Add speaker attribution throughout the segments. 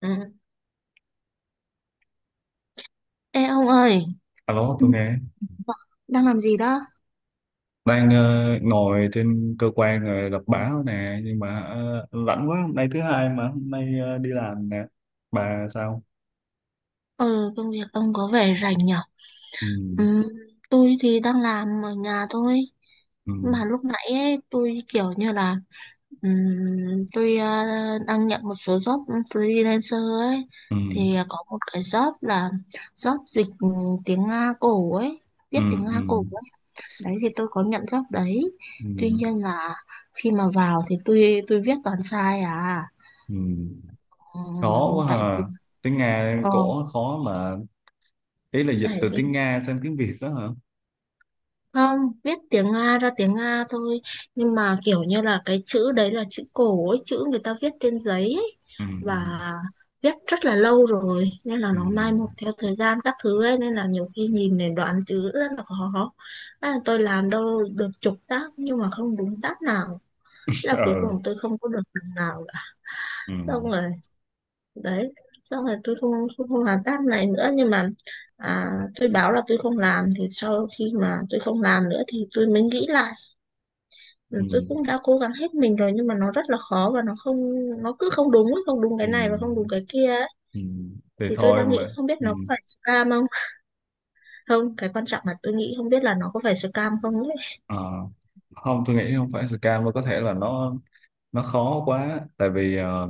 Speaker 1: Ừ. Ê ông ơi,
Speaker 2: Alo,
Speaker 1: ừ,
Speaker 2: tôi nghe.
Speaker 1: đang làm gì đó?
Speaker 2: Đang ngồi trên cơ quan rồi đọc báo nè, nhưng mà lạnh quá, hôm nay thứ hai mà hôm nay đi làm nè. Bà sao?
Speaker 1: Ừ, công việc ông có vẻ rảnh nhở?
Speaker 2: Ừ,
Speaker 1: Ừ, tôi thì đang làm ở nhà thôi.
Speaker 2: ừ,
Speaker 1: Mà lúc nãy ấy, tôi kiểu như là, tôi đang nhận một số job freelancer ấy.
Speaker 2: ừ,
Speaker 1: Thì có một cái job là job dịch tiếng Nga cổ ấy, viết
Speaker 2: ừ,
Speaker 1: tiếng
Speaker 2: ừ,
Speaker 1: Nga cổ ấy. Đấy thì tôi có nhận job đấy.
Speaker 2: ừ,
Speaker 1: Tuy nhiên là khi mà vào thì tôi viết toàn sai à.
Speaker 2: ừ.
Speaker 1: Ừ,
Speaker 2: Khó quá
Speaker 1: tại vì
Speaker 2: hả? Tiếng Nga
Speaker 1: ờ,
Speaker 2: cổ khó mà. Ý là dịch
Speaker 1: tại
Speaker 2: từ
Speaker 1: vì
Speaker 2: tiếng Nga sang tiếng Việt đó hả?
Speaker 1: không viết tiếng Nga ra tiếng Nga thôi nhưng mà kiểu như là cái chữ đấy là chữ cổ ấy, chữ người ta viết trên giấy ấy.
Speaker 2: Ừ, ừ,
Speaker 1: Và viết rất là lâu rồi nên là
Speaker 2: ừ,
Speaker 1: nó mai một theo thời gian các thứ ấy nên là nhiều khi nhìn để đoán chữ rất là khó. Tôi làm đâu được chục tác nhưng mà không đúng tác nào. Thế là cuối
Speaker 2: Ờ,
Speaker 1: cùng tôi không có được phần nào cả,
Speaker 2: ừ,
Speaker 1: xong rồi đấy, xong rồi tôi không làm task này nữa, nhưng mà tôi báo là tôi không làm, thì sau khi mà tôi không làm nữa thì tôi mới nghĩ lại. Ừ,
Speaker 2: ừ,
Speaker 1: tôi cũng đã cố gắng hết mình rồi nhưng mà nó rất là khó và nó cứ không đúng ấy, không đúng cái
Speaker 2: ừ,
Speaker 1: này và không đúng cái kia ấy.
Speaker 2: ừ. Thì
Speaker 1: Thì tôi
Speaker 2: thôi
Speaker 1: đang nghĩ
Speaker 2: mà.
Speaker 1: không biết
Speaker 2: Ừ.
Speaker 1: nó có phải scam không. Không, cái quan trọng là tôi nghĩ không biết là nó có phải scam không ấy.
Speaker 2: Ờ, không, tôi nghĩ không phải scam mà có thể là nó khó quá, tại vì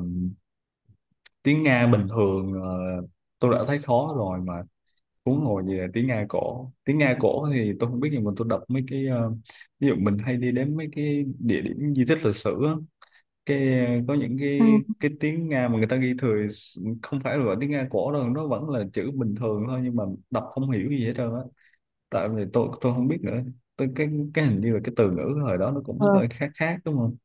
Speaker 2: tiếng Nga bình thường tôi đã thấy khó rồi mà, huống hồ gì là Tiếng Nga cổ thì tôi không biết, nhưng mà tôi đọc mấy cái, ví dụ mình hay đi đến mấy cái địa điểm di tích lịch sử á, cái có những
Speaker 1: Ừ.
Speaker 2: cái tiếng Nga mà người ta ghi thừa, không phải là gọi tiếng Nga cổ đâu, nó vẫn là chữ bình thường thôi, nhưng mà đọc không hiểu gì hết trơn á, tại vì tôi không biết nữa. Tôi cái hình như là cái từ ngữ hồi đó nó cũng
Speaker 1: Ờ.
Speaker 2: hơi khác khác, đúng không?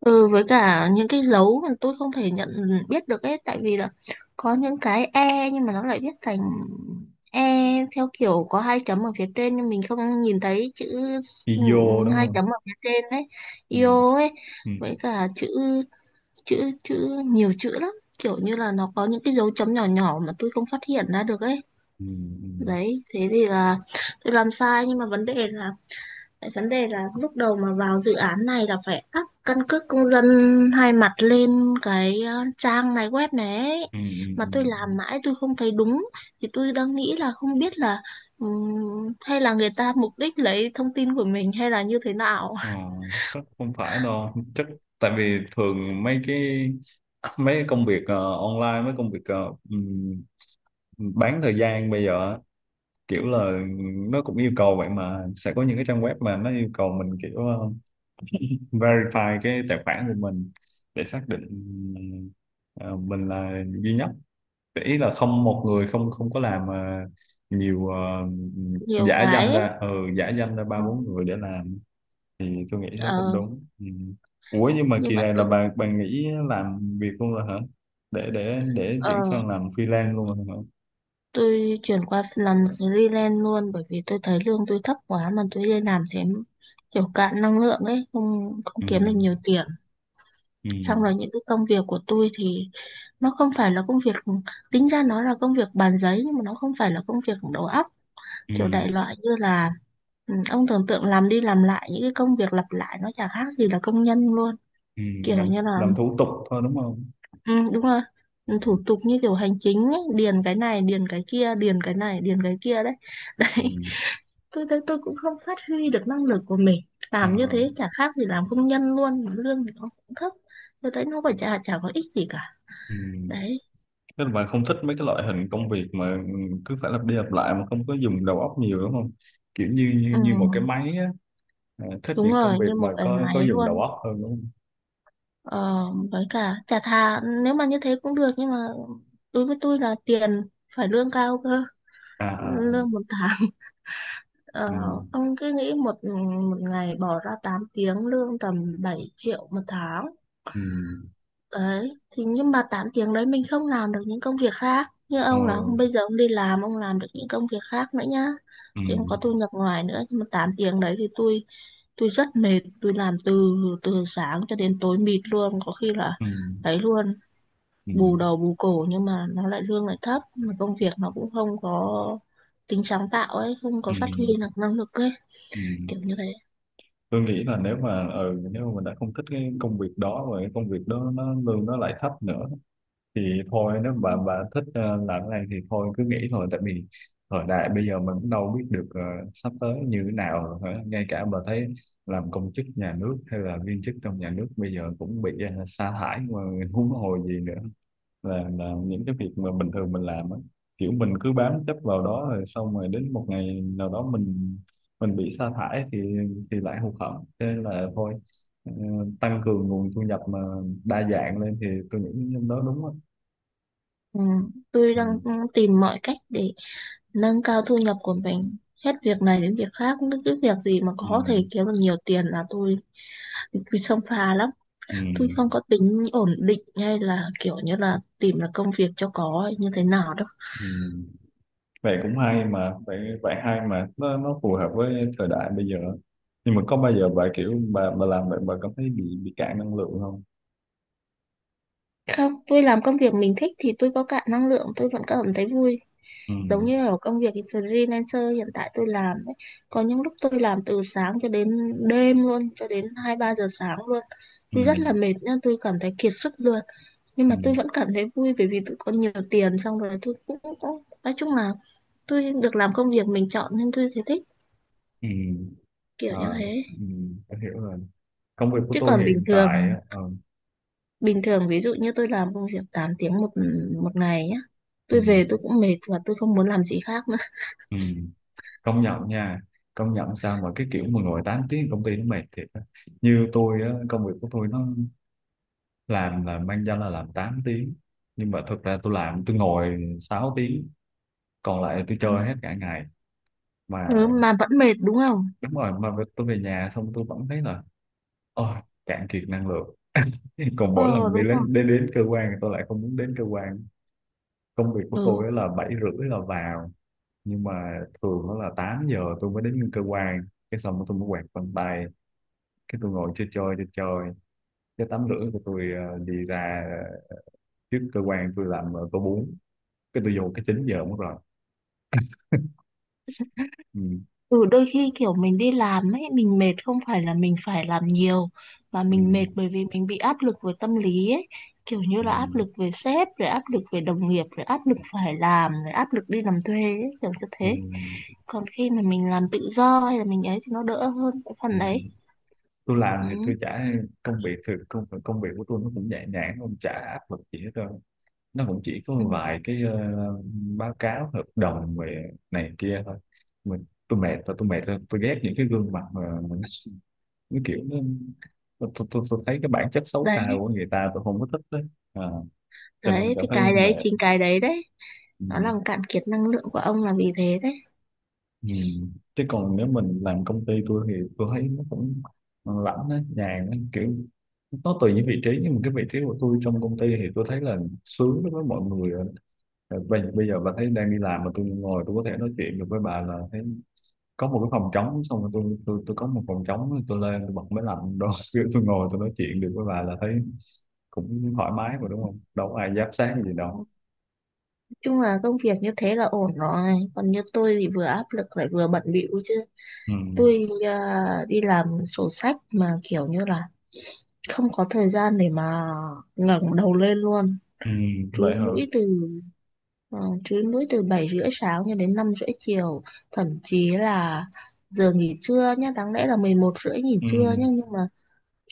Speaker 1: Ừ, với cả những cái dấu mà tôi không thể nhận biết được ấy, tại vì là có những cái e nhưng mà nó lại viết thành e theo kiểu có hai chấm ở phía trên nhưng mình không nhìn thấy chữ. Ừ,
Speaker 2: Video đúng
Speaker 1: hai
Speaker 2: không?
Speaker 1: chấm ở phía trên đấy,
Speaker 2: Ừ.
Speaker 1: io ấy.
Speaker 2: Ừ.
Speaker 1: Với cả chữ, chữ chữ nhiều chữ lắm, kiểu như là nó có những cái dấu chấm nhỏ nhỏ mà tôi không phát hiện ra được ấy.
Speaker 2: Ừ,
Speaker 1: Đấy thế thì là tôi làm sai, nhưng mà vấn đề là lúc đầu mà vào dự án này là phải up căn cước công dân hai mặt lên cái trang này, web này ấy.
Speaker 2: ừ, ừ,
Speaker 1: Mà
Speaker 2: ừ,
Speaker 1: tôi
Speaker 2: ừ.
Speaker 1: làm mãi tôi không thấy đúng, thì tôi đang nghĩ là không biết là, hay là người ta mục đích lấy thông tin của mình hay là như thế nào.
Speaker 2: Ờ, chắc không phải đâu, chắc tại vì thường mấy công việc online, mấy công việc bán thời gian bây giờ á, kiểu là nó cũng yêu cầu vậy, mà sẽ có những cái trang web mà nó yêu cầu mình kiểu verify cái tài khoản của mình, để xác định ờ, mình là duy nhất, để ý là không một người không không có làm nhiều,
Speaker 1: Nhiều
Speaker 2: giả danh
Speaker 1: cái ấy.
Speaker 2: ra, ừ, giả danh ra ba
Speaker 1: Ừ,
Speaker 2: bốn người để làm, thì tôi nghĩ nó cũng
Speaker 1: ờ,
Speaker 2: đúng. Ừ. Ủa nhưng mà
Speaker 1: nhưng
Speaker 2: kỳ
Speaker 1: mà
Speaker 2: này là bà nghĩ làm việc luôn rồi hả, để chuyển
Speaker 1: ờ,
Speaker 2: sang làm freelance luôn rồi hả?
Speaker 1: tôi chuyển qua làm freelance luôn, bởi vì tôi thấy lương tôi thấp quá mà tôi đi làm thế kiểu cạn năng lượng ấy, không, không
Speaker 2: Ừ.
Speaker 1: kiếm được nhiều tiền.
Speaker 2: Ừ.
Speaker 1: Xong rồi những cái công việc của tôi thì nó không phải là công việc, tính ra nó là công việc bàn giấy nhưng mà nó không phải là công việc đầu óc.
Speaker 2: Ừ.
Speaker 1: Kiểu đại loại như là, ừ, ông tưởng tượng làm đi làm lại những cái công việc lặp lại, nó chả khác gì là công nhân luôn,
Speaker 2: Ừ.
Speaker 1: kiểu
Speaker 2: làm
Speaker 1: như là,
Speaker 2: làm thủ tục thôi, đúng không?
Speaker 1: ừ, đúng rồi. Ừ, thủ tục như kiểu hành chính ấy, điền cái này điền cái kia, điền cái này điền cái kia đấy
Speaker 2: Ừ.
Speaker 1: đấy. Tôi thấy tôi cũng không phát huy được năng lực của mình,
Speaker 2: Ừ.
Speaker 1: làm như thế chả khác gì làm công nhân luôn, mà lương thì nó cũng thấp. Tôi thấy nó phải, chả chả có ích gì cả,
Speaker 2: Ừ.
Speaker 1: đấy.
Speaker 2: Tức là bà không thích mấy cái loại hình công việc mà cứ phải lặp đi lặp lại mà không có dùng đầu óc nhiều, đúng không, kiểu như như,
Speaker 1: Ừ,
Speaker 2: như một cái máy á, à, thích
Speaker 1: đúng
Speaker 2: những công
Speaker 1: rồi,
Speaker 2: việc
Speaker 1: như
Speaker 2: mà
Speaker 1: một cái
Speaker 2: có
Speaker 1: máy
Speaker 2: có dùng đầu
Speaker 1: luôn.
Speaker 2: óc hơn, đúng không?
Speaker 1: ờ, với cả chả thà nếu mà như thế cũng được, nhưng mà đối với tôi là tiền, phải lương cao cơ.
Speaker 2: À, à.
Speaker 1: Lương một tháng ờ,
Speaker 2: Ừ.
Speaker 1: ông cứ nghĩ, một một ngày bỏ ra 8 tiếng, lương tầm 7 triệu một tháng.
Speaker 2: Ừ.
Speaker 1: Đấy, thì nhưng mà 8 tiếng đấy mình không làm được những công việc khác. Như
Speaker 2: Ờ.
Speaker 1: ông là ông bây giờ ông đi làm, ông làm được những công việc khác nữa nhá.
Speaker 2: Ừ.
Speaker 1: Thì ông có thu nhập ngoài nữa. Nhưng mà 8 tiếng đấy thì tôi rất mệt. Tôi làm từ từ sáng cho đến tối mịt luôn. Có khi là
Speaker 2: Ừ.
Speaker 1: đấy luôn,
Speaker 2: Ừ,
Speaker 1: bù đầu bù cổ, nhưng mà nó lại lương lại thấp. Mà công việc nó cũng không có tính sáng tạo ấy, không có
Speaker 2: ừ,
Speaker 1: phát huy được năng lực ấy.
Speaker 2: ừ.
Speaker 1: Kiểu như thế.
Speaker 2: Tôi nghĩ là nếu mà mình đã không thích cái công việc đó và cái công việc đó nó lương nó lại thấp nữa, thì thôi, nếu
Speaker 1: Ừ.
Speaker 2: bà thích làm cái này thì thôi cứ nghỉ thôi, tại vì thời đại bây giờ mình cũng đâu biết được sắp tới như thế nào rồi, hả? Ngay cả bà thấy làm công chức nhà nước hay là viên chức trong nhà nước bây giờ cũng bị sa thải mà, huống hồ gì nữa là những cái việc mà bình thường mình làm á, kiểu mình cứ bám chấp vào đó rồi xong rồi đến một ngày nào đó mình bị sa thải thì lại hụt hẫng, thế nên là thôi, ờ, tăng cường nguồn thu nhập mà đa dạng lên, thì tôi nghĩ đó đúng á.
Speaker 1: Ừ, tôi
Speaker 2: Ừ.
Speaker 1: đang tìm mọi cách để nâng cao thu nhập của mình, hết việc này đến việc khác, những cái việc gì mà
Speaker 2: Ừ.
Speaker 1: có thể kiếm được nhiều tiền là tôi xông pha lắm.
Speaker 2: Ừ.
Speaker 1: Tôi không có tính ổn định hay là kiểu như là tìm là công việc cho có hay như thế nào đâu.
Speaker 2: Ừ. Vậy cũng hay mà, vậy vậy hay mà, nó phù hợp với thời đại bây giờ, nhưng mà có bao giờ bà kiểu bà làm vậy bà cảm thấy bị cạn năng lượng không?
Speaker 1: Không, tôi làm công việc mình thích thì tôi có cạn năng lượng tôi vẫn cảm thấy vui,
Speaker 2: Ừ.
Speaker 1: giống như ở công việc freelancer hiện tại tôi làm ấy, có những lúc tôi làm từ sáng cho đến đêm luôn, cho đến 2, 3 giờ sáng luôn.
Speaker 2: Ừ.
Speaker 1: Tôi rất là mệt nên tôi cảm thấy kiệt sức luôn, nhưng
Speaker 2: Ừ.
Speaker 1: mà tôi vẫn cảm thấy vui bởi vì tôi có nhiều tiền, xong rồi tôi cũng nói chung là tôi được làm công việc mình chọn nên tôi thấy thích,
Speaker 2: Ừ. ừ.
Speaker 1: kiểu như
Speaker 2: Ờ,
Speaker 1: thế.
Speaker 2: ừ, tôi hiểu rồi. Công việc của
Speaker 1: Chứ
Speaker 2: tôi
Speaker 1: còn bình
Speaker 2: hiện
Speaker 1: thường,
Speaker 2: tại á,
Speaker 1: bình thường ví dụ như tôi làm công việc 8 tiếng một một ngày nhá,
Speaker 2: ừ,
Speaker 1: tôi về tôi cũng mệt và tôi không muốn làm gì khác nữa.
Speaker 2: ừ, công nhận nha, công nhận sao mà cái kiểu mà ngồi 8 tiếng công ty nó mệt thiệt á. Như tôi á, công việc của tôi nó làm là mang danh là làm 8 tiếng, nhưng mà thực ra tôi làm tôi ngồi 6 tiếng, còn lại tôi chơi hết cả ngày. Mà
Speaker 1: Ừ, mà vẫn mệt đúng không?
Speaker 2: đúng rồi, mà tôi về nhà xong tôi vẫn thấy là ôi, cạn kiệt năng lượng. Còn mỗi
Speaker 1: Ờ,
Speaker 2: lần đi
Speaker 1: đúng không?
Speaker 2: đến cơ quan thì tôi lại không muốn đến cơ quan. Công việc của
Speaker 1: Ừ.
Speaker 2: tôi á là 7:30 là vào, nhưng mà thường đó là 8 giờ tôi mới đến cơ quan, cái xong rồi tôi mới quạt vân tay, cái tôi ngồi chơi chơi chơi chơi, cái tắm rưỡi của tôi đi ra trước cơ quan, tôi làm tô bún, cái tôi vô cái 9 giờ mất rồi. Ừ,
Speaker 1: Ừ, đôi khi kiểu mình đi làm ấy, mình mệt không phải là mình phải làm nhiều, mà mình mệt
Speaker 2: ừ,
Speaker 1: bởi vì mình bị áp lực về tâm lý ấy, kiểu như
Speaker 2: ừ,
Speaker 1: là áp lực về sếp, rồi áp lực về đồng nghiệp, rồi áp lực phải làm, rồi áp lực đi làm thuê ấy, kiểu như
Speaker 2: ừ,
Speaker 1: thế. Còn khi mà mình làm tự do hay là mình ấy thì nó đỡ hơn cái
Speaker 2: ừ.
Speaker 1: phần đấy.
Speaker 2: Tôi làm thì
Speaker 1: Ừ.
Speaker 2: tôi chả, công việc thì công công việc của tôi nó cũng nhẹ nhàng, không chả áp lực gì hết trơn, nó cũng chỉ có
Speaker 1: Ừ.
Speaker 2: vài cái báo cáo hợp đồng về này kia thôi. Mình tôi mệt, tôi mệt rồi, tôi ghét những cái gương mặt mà cái kiểu nó, tôi thấy cái bản chất xấu
Speaker 1: Đấy,
Speaker 2: xa của người ta, tôi không có thích đấy, à, cho nên
Speaker 1: đấy
Speaker 2: cảm
Speaker 1: thì
Speaker 2: thấy
Speaker 1: cái đấy,
Speaker 2: mệt.
Speaker 1: chính cái đấy đấy,
Speaker 2: Ừ.
Speaker 1: nó làm cạn kiệt năng lượng của ông là vì thế đấy.
Speaker 2: Ừ. Chứ còn nếu mình làm công ty tôi thì tôi thấy nó cũng lãnh đấy, nhàn đấy, kiểu nó tùy những vị trí, nhưng mà cái vị trí của tôi trong công ty thì tôi thấy là sướng đối với mọi người rồi. Ờ, bây, bây giờ bà thấy đang đi làm mà tôi ngồi tôi có thể nói chuyện được với bà là thấy có một cái phòng trống, xong rồi tôi có một phòng trống, tôi lên tôi bật máy lạnh đó tôi ngồi tôi nói chuyện được với bà là thấy cũng thoải mái mà, đúng không, đâu có ai giám sát gì đâu.
Speaker 1: Nói chung là công việc như thế là ổn rồi, còn như tôi thì vừa áp lực lại vừa bận bịu chứ.
Speaker 2: Ừ.
Speaker 1: Tôi đi làm sổ sách mà kiểu như là không có thời gian để mà ngẩng đầu lên luôn,
Speaker 2: Ừ. Vậy
Speaker 1: chúi
Speaker 2: hả?
Speaker 1: mũi từ chúi mũi từ 7h30 sáng cho đến 5h30 chiều, thậm chí là giờ nghỉ trưa nhá, đáng lẽ là 11h30 nghỉ
Speaker 2: Ừ.
Speaker 1: trưa nhá, nhưng mà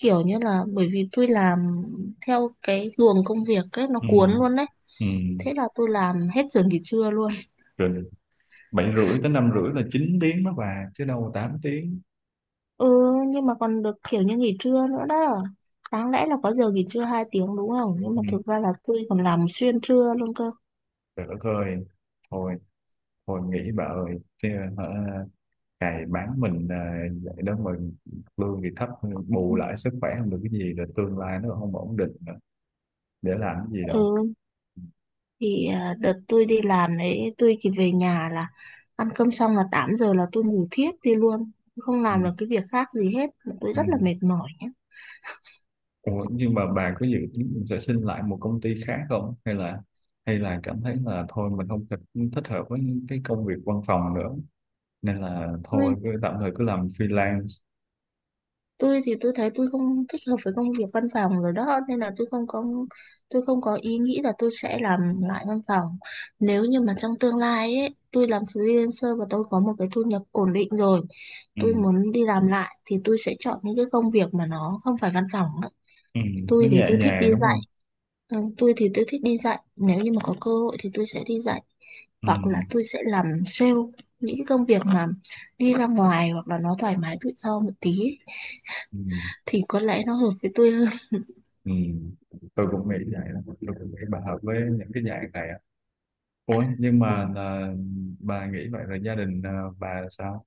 Speaker 1: kiểu như là bởi vì tôi làm theo cái luồng công việc ấy nó
Speaker 2: Ừ.
Speaker 1: cuốn luôn đấy,
Speaker 2: Ừ.
Speaker 1: thế là tôi làm hết giờ nghỉ trưa luôn.
Speaker 2: Rồi, 7:30 tới 5:30 là 9 tiếng đó bà, chứ đâu là 8 tiếng.
Speaker 1: Ừ, nhưng mà còn được kiểu như nghỉ trưa nữa đó. Đáng lẽ là có giờ nghỉ trưa 2 tiếng đúng không? Nhưng
Speaker 2: Ừ.
Speaker 1: mà thực ra là tôi còn làm xuyên trưa luôn cơ.
Speaker 2: Trời đất ơi, thôi, thôi nghỉ bà ơi chứ, hả, cày bán mình à, vậy đó mà lương thì thấp, bù lại sức khỏe không được cái gì, rồi tương lai nó không ổn định nữa. Để làm cái gì đâu.
Speaker 1: Ừ,
Speaker 2: Ừ.
Speaker 1: thì đợt tôi đi làm đấy, tôi chỉ về nhà là ăn cơm xong là 8h là tôi ngủ thiếp đi luôn. Tôi không
Speaker 2: Ừ.
Speaker 1: làm được cái việc khác gì hết. Tôi
Speaker 2: ừ.
Speaker 1: rất là mệt mỏi
Speaker 2: Ủa, nhưng mà bà có dự tính mình sẽ xin lại một công ty khác không, hay là cảm thấy là thôi mình không thích, thích hợp với cái công việc văn phòng nữa, nên là thôi
Speaker 1: nhé.
Speaker 2: cứ tạm thời cứ làm freelance.
Speaker 1: Tôi thì tôi thấy tôi không thích hợp với công việc văn phòng rồi đó, nên là tôi không có ý nghĩ là tôi sẽ làm lại văn phòng. Nếu như mà trong tương lai ấy tôi làm freelancer và tôi có một cái thu nhập ổn định rồi,
Speaker 2: Ừ.
Speaker 1: tôi muốn đi làm lại thì tôi sẽ chọn những cái công việc mà nó không phải văn phòng đó.
Speaker 2: Ừ.
Speaker 1: Tôi
Speaker 2: Nó
Speaker 1: thì
Speaker 2: nhẹ
Speaker 1: tôi thích đi
Speaker 2: nhàng đúng
Speaker 1: dạy.
Speaker 2: không?
Speaker 1: Ừ, tôi thì tôi thích đi dạy, nếu như mà có cơ hội thì tôi sẽ đi dạy,
Speaker 2: Ừ.
Speaker 1: hoặc là tôi sẽ làm sale, những cái công việc mà đi ra ngoài hoặc là nó thoải mái tự do một tí ấy,
Speaker 2: Ừ.
Speaker 1: thì có lẽ nó hợp với tôi hơn.
Speaker 2: Ừ. Tôi cũng nghĩ vậy đó. Tôi cũng nghĩ bà hợp với những cái dạng này á. Ủa nhưng
Speaker 1: Ừ.
Speaker 2: mà là, bà nghĩ vậy là gia đình à, bà sao?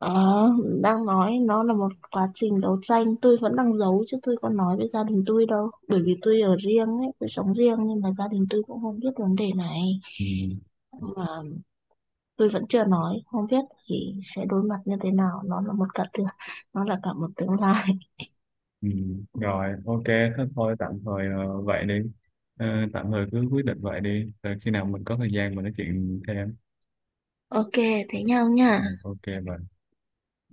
Speaker 1: Đó, đang nói nó là một quá trình đấu tranh, tôi vẫn đang giấu chứ tôi có nói với gia đình tôi đâu, bởi vì tôi ở riêng ấy, tôi sống riêng nhưng mà gia đình tôi cũng không biết vấn đề này,
Speaker 2: Ừ.
Speaker 1: mà tôi vẫn chưa nói, không biết thì sẽ đối mặt như thế nào, nó là cả một tương lai.
Speaker 2: Ừ, rồi, ok, thế thôi, tạm thời vậy đi. Ờ, tạm thời cứ quyết định vậy đi, rồi khi nào mình có thời gian mình nói chuyện thêm.
Speaker 1: Ok thế nhau
Speaker 2: Rồi,
Speaker 1: nha.
Speaker 2: ok vậy